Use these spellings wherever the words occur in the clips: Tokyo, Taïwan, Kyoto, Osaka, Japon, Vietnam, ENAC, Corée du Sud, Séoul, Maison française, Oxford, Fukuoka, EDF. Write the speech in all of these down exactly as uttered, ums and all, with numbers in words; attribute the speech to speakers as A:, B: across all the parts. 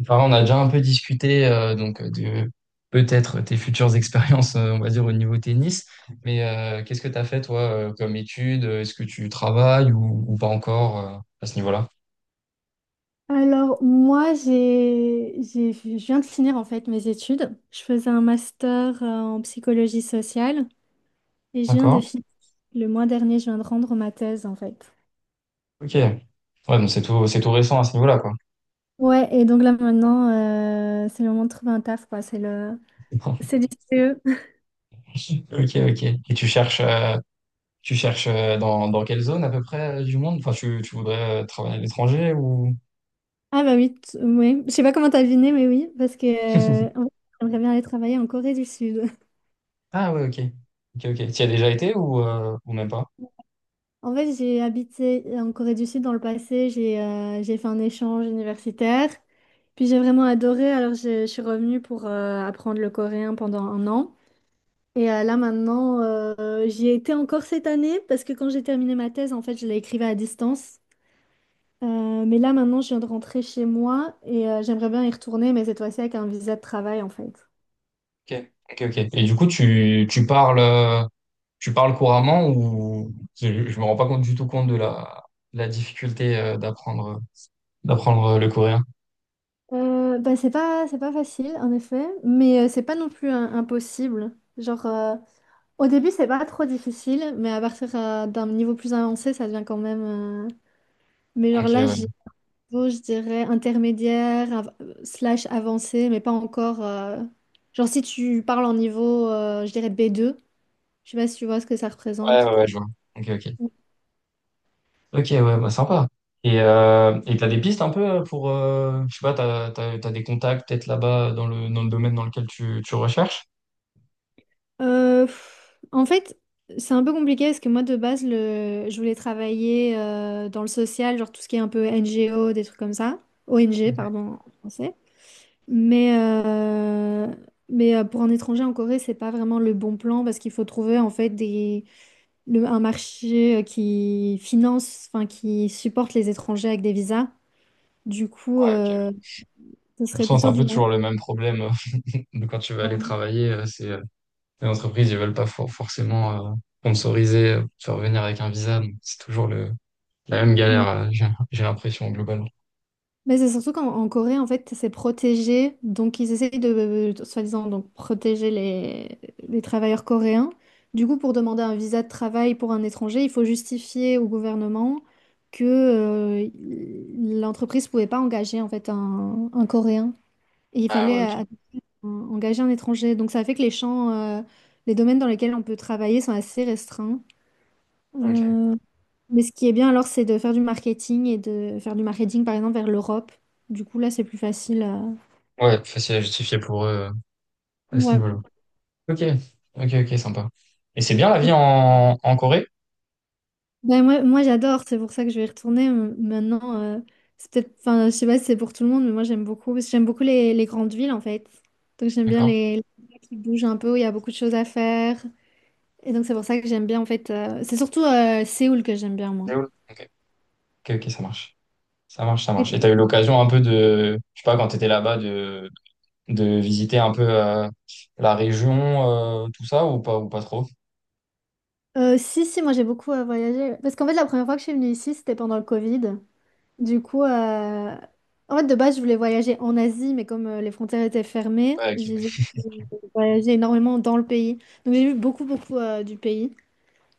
A: Enfin, on a déjà un peu discuté euh, donc de peut-être tes futures expériences, euh, on va dire, au niveau tennis. Mais euh, qu'est-ce que tu as fait, toi, euh, comme étude? Est-ce que tu travailles ou, ou pas encore euh, à ce niveau-là?
B: Alors, moi, j'ai, j'ai, je viens de finir en fait mes études. Je faisais un master euh, en psychologie sociale et je viens de
A: D'accord.
B: finir. Le mois dernier, je viens de rendre ma thèse en fait.
A: Ok. Ouais, donc c'est tout, c'est tout récent à ce niveau-là, quoi.
B: Ouais, et donc là maintenant, euh, c'est le moment de trouver un taf, quoi. C'est le, c'est du C E.
A: Ok, ok. Et tu cherches, euh, tu cherches euh, dans, dans quelle zone à peu près euh, du monde? Enfin, tu, tu voudrais euh, travailler à l'étranger ou...
B: Ah bah oui, t- ouais. Je sais pas comment t'as deviné, mais oui, parce que euh, en fait, j'aimerais bien aller travailler en Corée du Sud.
A: Ah ouais, ok. Ok, ok. Tu y as déjà été ou, euh, ou même pas?
B: En fait, j'ai habité en Corée du Sud dans le passé, j'ai euh, j'ai fait un échange universitaire, puis j'ai vraiment adoré, alors je, je suis revenue pour euh, apprendre le coréen pendant un an. Et euh, là maintenant, euh, j'y ai été encore cette année, parce que quand j'ai terminé ma thèse, en fait, je l'écrivais à distance. Euh, mais là maintenant, je viens de rentrer chez moi et euh, j'aimerais bien y retourner, mais cette fois-ci avec un visa de travail, en fait.
A: Ok, ok, ok. Et du coup, tu, tu parles... euh, Tu parles couramment ou je, je me rends pas compte du tout compte de la, de la difficulté euh, d'apprendre d'apprendre le coréen.
B: Euh, bah, c'est pas, c'est pas facile, en effet, mais euh, c'est pas non plus euh, impossible. Genre, euh, au début, c'est pas trop difficile, mais à partir euh, d'un niveau plus avancé, ça devient quand même. euh, Mais genre
A: Ok,
B: là,
A: ouais.
B: j'ai niveau, je dirais, intermédiaire, av- slash avancé, mais pas encore. euh, Genre, si tu parles en niveau, euh, je dirais B deux, je sais pas si tu vois ce que ça
A: Ouais,
B: représente.
A: ouais, ouais, je vois. Ok, ok. Ok, ouais, bah sympa. Et euh, et t'as des pistes un peu euh, pour, euh, je sais pas, t'as, t'as, t'as des contacts peut-être là-bas dans le, dans le domaine dans lequel tu, tu recherches?
B: Euh, pff, en fait, c'est un peu compliqué parce que moi, de base, le... je voulais travailler euh, dans le social, genre tout ce qui est un peu N G O, des trucs comme ça. O N G,
A: Ok.
B: pardon, en français. Mais, euh, mais euh, pour un étranger en Corée, c'est pas vraiment le bon plan parce qu'il faut trouver en fait des, le- un marché euh, qui finance, enfin qui supporte les étrangers avec des visas. Du coup,
A: Ouais, ok. De
B: euh, ce
A: toute
B: serait
A: façon, c'est
B: plutôt
A: un
B: du...
A: peu toujours le même problème euh, de quand tu vas aller
B: Ouais.
A: travailler. euh, C'est, euh, les entreprises, ils veulent pas for- forcément euh, sponsoriser, euh, te faire venir avec un visa. Donc c'est toujours le, la même galère, euh, j'ai j'ai l'impression, globalement.
B: Mais c'est surtout qu'en en Corée, en fait, c'est protégé. Donc, ils essayent de, euh, soi-disant, donc, protéger les, les travailleurs coréens. Du coup, pour demander un visa de travail pour un étranger, il faut justifier au gouvernement que euh, l'entreprise ne pouvait pas engager, en fait, un, un Coréen. Et il
A: Ah ouais,
B: fallait
A: ok.
B: euh, engager un étranger. Donc, ça fait que les champs, euh, les domaines dans lesquels on peut travailler sont assez restreints.
A: Ok.
B: Euh, mais ce qui est bien alors, c'est de faire du marketing et de faire du marketing par exemple vers l'Europe. Du coup, là, c'est plus facile à...
A: Ouais, facile à justifier pour eux euh, à ce
B: Ouais.
A: niveau-là. Ok, ok, ok, sympa. Et c'est bien la vie
B: Et-
A: en, en Corée?
B: Ben, moi, moi j'adore, c'est pour ça que je vais y retourner M- maintenant. Euh, c'est peut-être, enfin, je sais pas si c'est pour tout le monde, mais moi, j'aime beaucoup, parce que j'aime beaucoup les, les grandes villes en fait. Donc, j'aime bien
A: D'accord.
B: les, les villes qui bougent un peu, où il y a beaucoup de choses à faire. Et donc, c'est pour ça que j'aime bien en fait. euh, C'est surtout euh, Séoul que j'aime bien, moi.
A: Séoul. Ok, ok, ok, ça marche. Ça marche, ça marche.
B: Et-
A: Et t'as eu l'occasion un peu de, je sais pas, quand t'étais là-bas, de, de visiter un peu euh, la région, euh, tout ça, ou pas, ou pas trop?
B: euh, Si, si, moi, j'ai beaucoup euh, voyagé. Parce qu'en fait, la première fois que je suis venue ici, c'était pendant le Covid. Du coup, euh, en fait, de base, je voulais voyager en Asie, mais comme euh, les frontières étaient fermées,
A: Ouais, ok,
B: j'ai j'ai
A: ouais.
B: voyagé énormément dans le pays. Donc, j'ai vu beaucoup, beaucoup euh, du pays.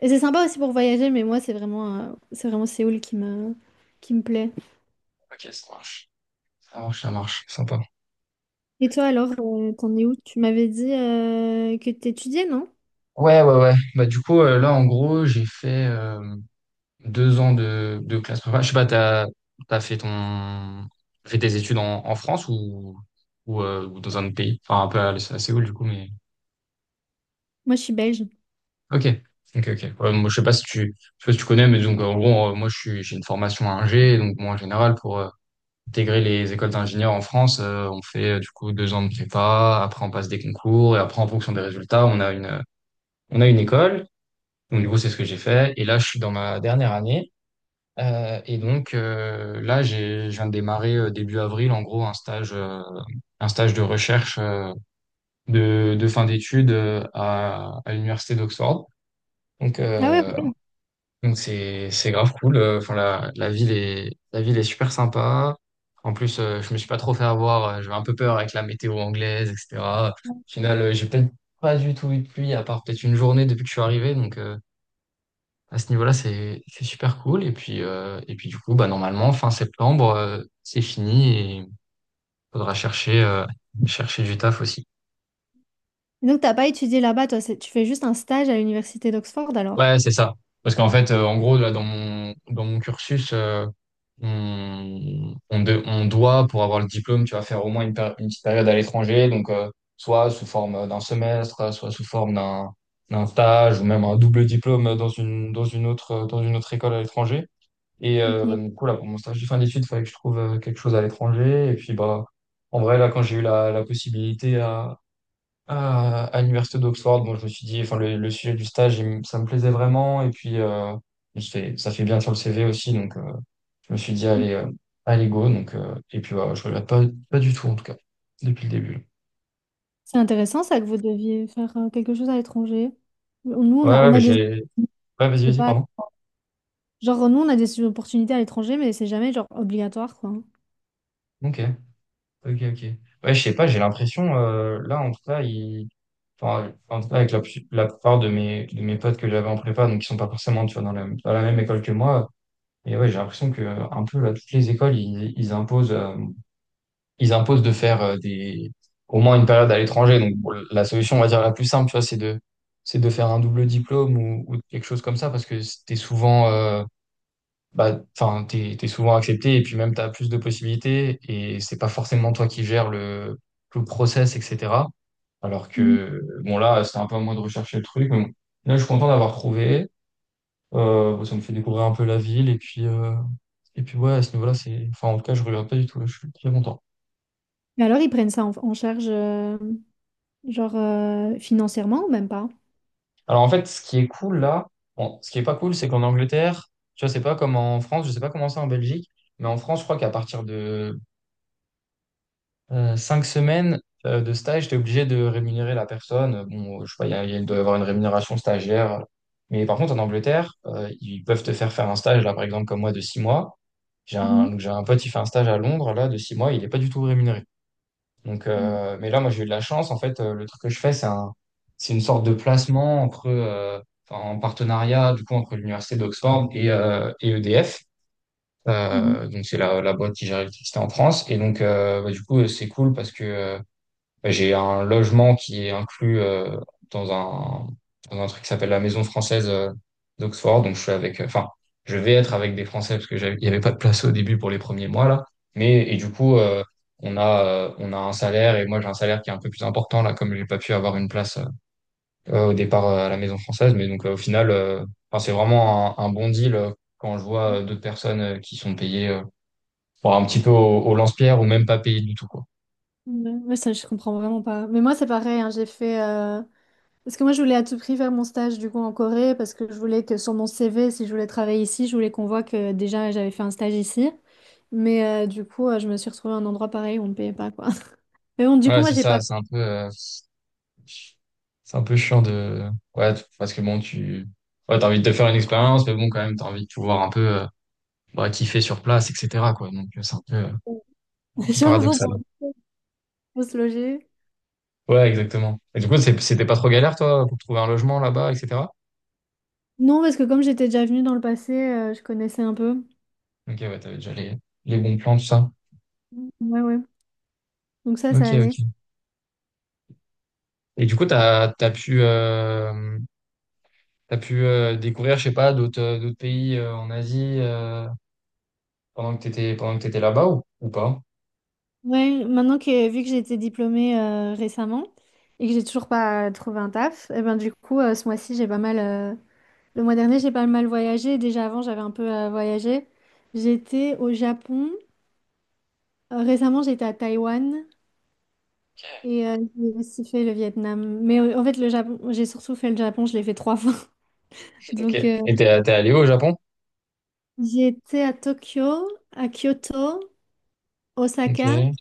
B: Et c'est sympa aussi pour voyager, mais moi, c'est vraiment, euh, c'est vraiment Séoul qui me, qui me plaît.
A: Ok, ça marche. Ça marche, ça marche. Sympa.
B: Et toi, alors, euh, t'en es où? Tu m'avais dit euh, que t'étudiais, non?
A: Ouais, ouais, ouais. Bah, du coup, euh, là, en gros, j'ai fait. Deux ans de, de classe prépa. Je sais pas, t'as, t'as fait ton, t'as fait tes études en, en France ou, ou, euh, ou dans un autre pays? Enfin, un peu à, à Séoul, du coup, mais.
B: Moi, je suis belge.
A: Ok. Ok, ok. Ouais, moi, je sais pas si tu, je sais pas si tu connais, mais donc, en gros, euh, moi, je suis, j'ai une formation Ingé, donc, moi, en général, pour euh, intégrer les écoles d'ingénieurs en France, euh, on fait, euh, du coup, deux ans de prépa, après, on passe des concours, et après, en fonction des résultats, on a une, on a une école. Donc, du coup, c'est ce que j'ai fait. Et là, je suis dans ma dernière année. Euh, et donc euh, là, j'ai, je viens de démarrer euh, début avril, en gros, un stage, euh, un stage de recherche euh, de, de fin d'études euh, à, à l'université d'Oxford. Donc,
B: Ah ouais,
A: euh,
B: ok.
A: donc c'est, c'est grave cool. Euh, Enfin, la, la ville est, la ville est super sympa. En plus, euh, je me suis pas trop fait avoir. euh, J'avais un peu peur avec la météo anglaise, et cetera. Au final, euh, j'ai peut-être pas du tout eu de pluie, à part peut-être une journée depuis que je suis arrivé. Donc, euh, à ce niveau-là, c'est c'est super cool. Et puis, euh, et puis du coup, bah, normalement, fin septembre, euh, c'est fini et il faudra chercher, euh, chercher du taf aussi.
B: Et donc, t'as pas étudié là-bas, toi, c'est- tu fais juste un stage à l'université d'Oxford, alors?
A: Ouais, c'est ça. Parce qu'en fait, euh, en gros, là, dans mon, dans mon cursus, euh, on, on, de- on doit, pour avoir le diplôme, tu vas faire au moins une, péri- une petite période à l'étranger. Donc, euh, soit sous forme d'un semestre, soit sous forme d'un d'un stage ou même un double diplôme dans une, dans une autre, dans une autre école à l'étranger. Et euh, bah,
B: Ok.
A: du coup, là, pour mon stage de fin d'études, il fallait que je trouve euh, quelque chose à l'étranger. Et puis, bah, en vrai, là, quand j'ai eu la, la possibilité à, à, à l'université d'Oxford, bon, je me suis dit, enfin, le, le sujet du stage, il me- ça me plaisait vraiment. Et puis, euh, je fais- ça fait bien sur le C V aussi. Donc, euh, je me suis dit, allez, euh, allez, go. Donc, euh, et puis, bah, je regrette pas, pas du tout, en tout cas, depuis le début.
B: C'est intéressant ça que vous deviez faire euh, quelque chose à l'étranger. Nous,
A: Ouais,
B: on a,
A: ouais,
B: on
A: mais
B: a des...
A: j'ai. Ouais, vas-y,
B: C'est
A: vas-y,
B: pas...
A: pardon.
B: Genre, nous, on a des opportunités à l'étranger, mais c'est jamais genre obligatoire, quoi.
A: Ok, ok, ok. Ouais, je sais pas, j'ai l'impression, euh, là, en tout cas, il enfin, en tout cas avec la, pu- la plupart de mes, de mes potes que j'avais en prépa, donc qui sont pas forcément, tu vois, dans la, dans la même école que moi. Et ouais, j'ai l'impression que euh, un peu là, toutes les écoles, ils, ils imposent, euh, ils imposent de faire euh, des, au moins une période à l'étranger. Donc bon, la solution, on va dire la plus simple, tu vois, c'est de, c'est de faire un double diplôme ou, ou quelque chose comme ça, parce que c'était souvent, euh, bah, enfin, t'es, t'es souvent accepté et puis même t'as plus de possibilités et c'est pas forcément toi qui gères le, le process, et cetera. Alors
B: Mhm.
A: que, bon, là, c'est un peu à moi de rechercher le truc. Mais bon. Là, je suis content d'avoir trouvé. Euh, bon, ça me fait découvrir un peu la ville et puis, euh, et puis ouais, à ce niveau-là, c'est, enfin, en tout cas, je regrette pas du tout. Là, je suis très content.
B: Mais alors, ils prennent ça en, en charge, euh, genre, euh, financièrement ou même pas?
A: Alors, en fait, ce qui est cool là, bon, ce qui est pas cool, c'est qu'en Angleterre, tu vois, c'est pas comme en France, je sais pas comment c'est en Belgique, mais en France, je crois qu'à partir de Euh, cinq semaines euh, de stage, tu es obligé de rémunérer la personne. Euh, Bon, je sais pas, il y a- il doit y avoir une rémunération stagiaire. Mais par contre, en Angleterre, euh, ils peuvent te faire faire un stage, là, par exemple, comme moi, de six mois. J'ai
B: Mhm.
A: un, donc j'ai un pote, il fait un stage à Londres, là, de six mois, il n'est pas du tout rémunéré. Donc,
B: Mhm.
A: euh, mais là, moi, j'ai eu de la chance. En fait, euh, le truc que je fais, c'est un, c'est une sorte de placement entre, euh, enfin, en partenariat, du coup, entre l'Université d'Oxford et, euh, et E D F.
B: Mhm.
A: Euh, donc, c'est la, la boîte qui gère l'électricité en France. Et donc, euh, bah, du coup, euh, c'est cool parce que euh, bah, j'ai un logement qui est inclus euh, dans un, dans un truc qui s'appelle la Maison française euh, d'Oxford. Donc je suis avec, enfin, je vais être avec des Français parce que j'avais- il n'y avait pas de place au début pour les premiers mois là. Mais et du coup, euh, on a, euh, on a un salaire et moi j'ai un salaire qui est un peu plus important là, comme j'ai pas pu avoir une place euh, au départ euh, à la Maison française. Mais donc euh, au final, euh, enfin, c'est vraiment un, un bon deal euh, quand je vois euh, d'autres personnes euh, qui sont payées euh, bon, un petit peu au, au lance-pierre ou même pas payées du tout quoi.
B: Ouais, ouais, ça, je comprends vraiment pas. Mais moi, c'est pareil, hein, j'ai fait... Parce que moi, je voulais à tout prix faire mon stage du coup en Corée parce que je voulais que sur mon C V, si je voulais travailler ici, je voulais qu'on voit que déjà j'avais fait un stage ici. Mais euh, du coup, euh, je me suis retrouvée à un endroit pareil où on ne payait pas quoi. Mais bon, du coup,
A: Voilà,
B: moi,
A: c'est
B: j'ai
A: ça,
B: pas.
A: c'est un peu. euh, C'est un peu chiant de... Ouais, t- parce que bon, tu... Ouais, t'as envie de te faire une expérience, mais bon, quand même, t'as envie de pouvoir un peu euh, bah, kiffer sur place, et cetera, quoi. Donc, euh, c'est un peu euh,
B: J'avoue,
A: paradoxal.
B: bon, faut faut se loger.
A: Ouais, exactement. Et du coup, c'est- c'était pas trop galère, toi, pour trouver un logement là-bas, et cetera.
B: Non, parce que comme j'étais déjà venue dans le passé, euh, je connaissais un peu.
A: Ok, ouais, t'avais déjà les, les bons plans, tout ça.
B: Ouais, ouais. Donc ça,
A: Ok,
B: ça
A: ok.
B: allait.
A: Et du coup, t'as, t'as pu, euh, t'as pu euh, découvrir, je sais pas, d'autres euh, d'autres pays euh, en Asie euh, pendant que t'étais, pendant que t'étais là-bas ou, ou pas?
B: Ouais, maintenant que vu que j'ai été diplômée euh, récemment et que j'ai toujours pas trouvé un taf, et ben du coup, euh, ce mois-ci, j'ai pas mal. euh, Le mois dernier, j'ai pas mal voyagé. Déjà avant, j'avais un peu euh, voyagé. J'étais au Japon. Euh, récemment, j'étais à Taïwan et euh, j'ai aussi fait le Vietnam. Mais euh, en fait, le Japon, j'ai surtout fait le Japon. Je l'ai fait trois fois.
A: Ok.
B: Donc, euh,
A: Et t'es, t'es allé au Japon?
B: j'étais à Tokyo, à Kyoto, Osaka.
A: Ok.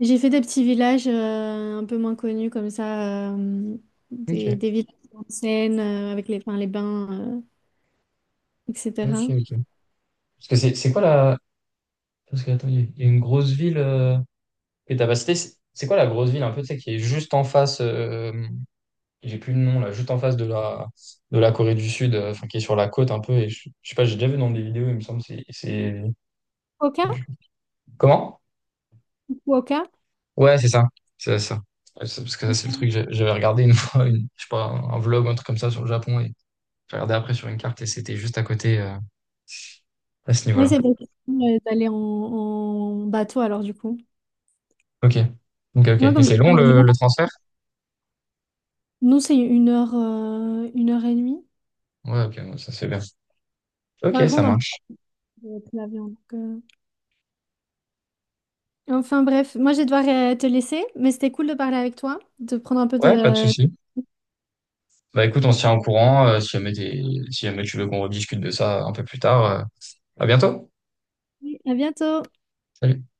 B: J'ai fait des petits villages euh, un peu moins connus comme ça, euh, des,
A: Ok.
B: des villages en scène euh, avec les, enfin, les bains, euh,
A: Ok,
B: et cetera.
A: ok. Parce que c'est c'est quoi la. Parce que, attends, il y a il y a une grosse ville euh, que t'as pas citée. C'est c'est quoi la grosse ville un peu, tu sais, qui est juste en face, euh, j'ai plus le nom là, juste en face de la, de la Corée du Sud, euh, enfin qui est sur la côte un peu. Et je, je sais pas, j'ai déjà vu dans des vidéos, il me semble. C'est. c'est-
B: Fukuoka?
A: je- Comment?
B: Fukuoka?
A: Ouais, c'est ça. C'est ça. Ouais, c'est- parce que ça, c'est le truc, j'ai- j'avais regardé une fois, une, je sais pas, un vlog, un truc comme ça sur le Japon. Et j'ai regardé après sur une carte et c'était juste à côté, euh, à ce
B: Oui,
A: niveau-là.
B: c'est possible euh, d'aller en, en bateau alors du coup.
A: Ok. Ok, ok.
B: Moi,
A: Et
B: comme je
A: c'est long
B: suis en
A: le, le
B: Nord,
A: transfert?
B: nous, c'est une heure, euh, une heure et demie.
A: Ouais, ok, ouais, ça c'est bien. Ok,
B: Par
A: ça
B: contre, en bateau,
A: marche.
B: euh, plus l'avion. Donc, euh. Enfin bref, moi, je vais devoir euh, te laisser, mais c'était cool de parler avec toi, de prendre un peu
A: Ouais, pas de
B: de...
A: souci. Bah écoute, on se tient au courant. euh, si jamais t'es- si jamais tu veux qu'on rediscute de ça un peu plus tard, euh, à bientôt.
B: À bientôt!
A: Salut.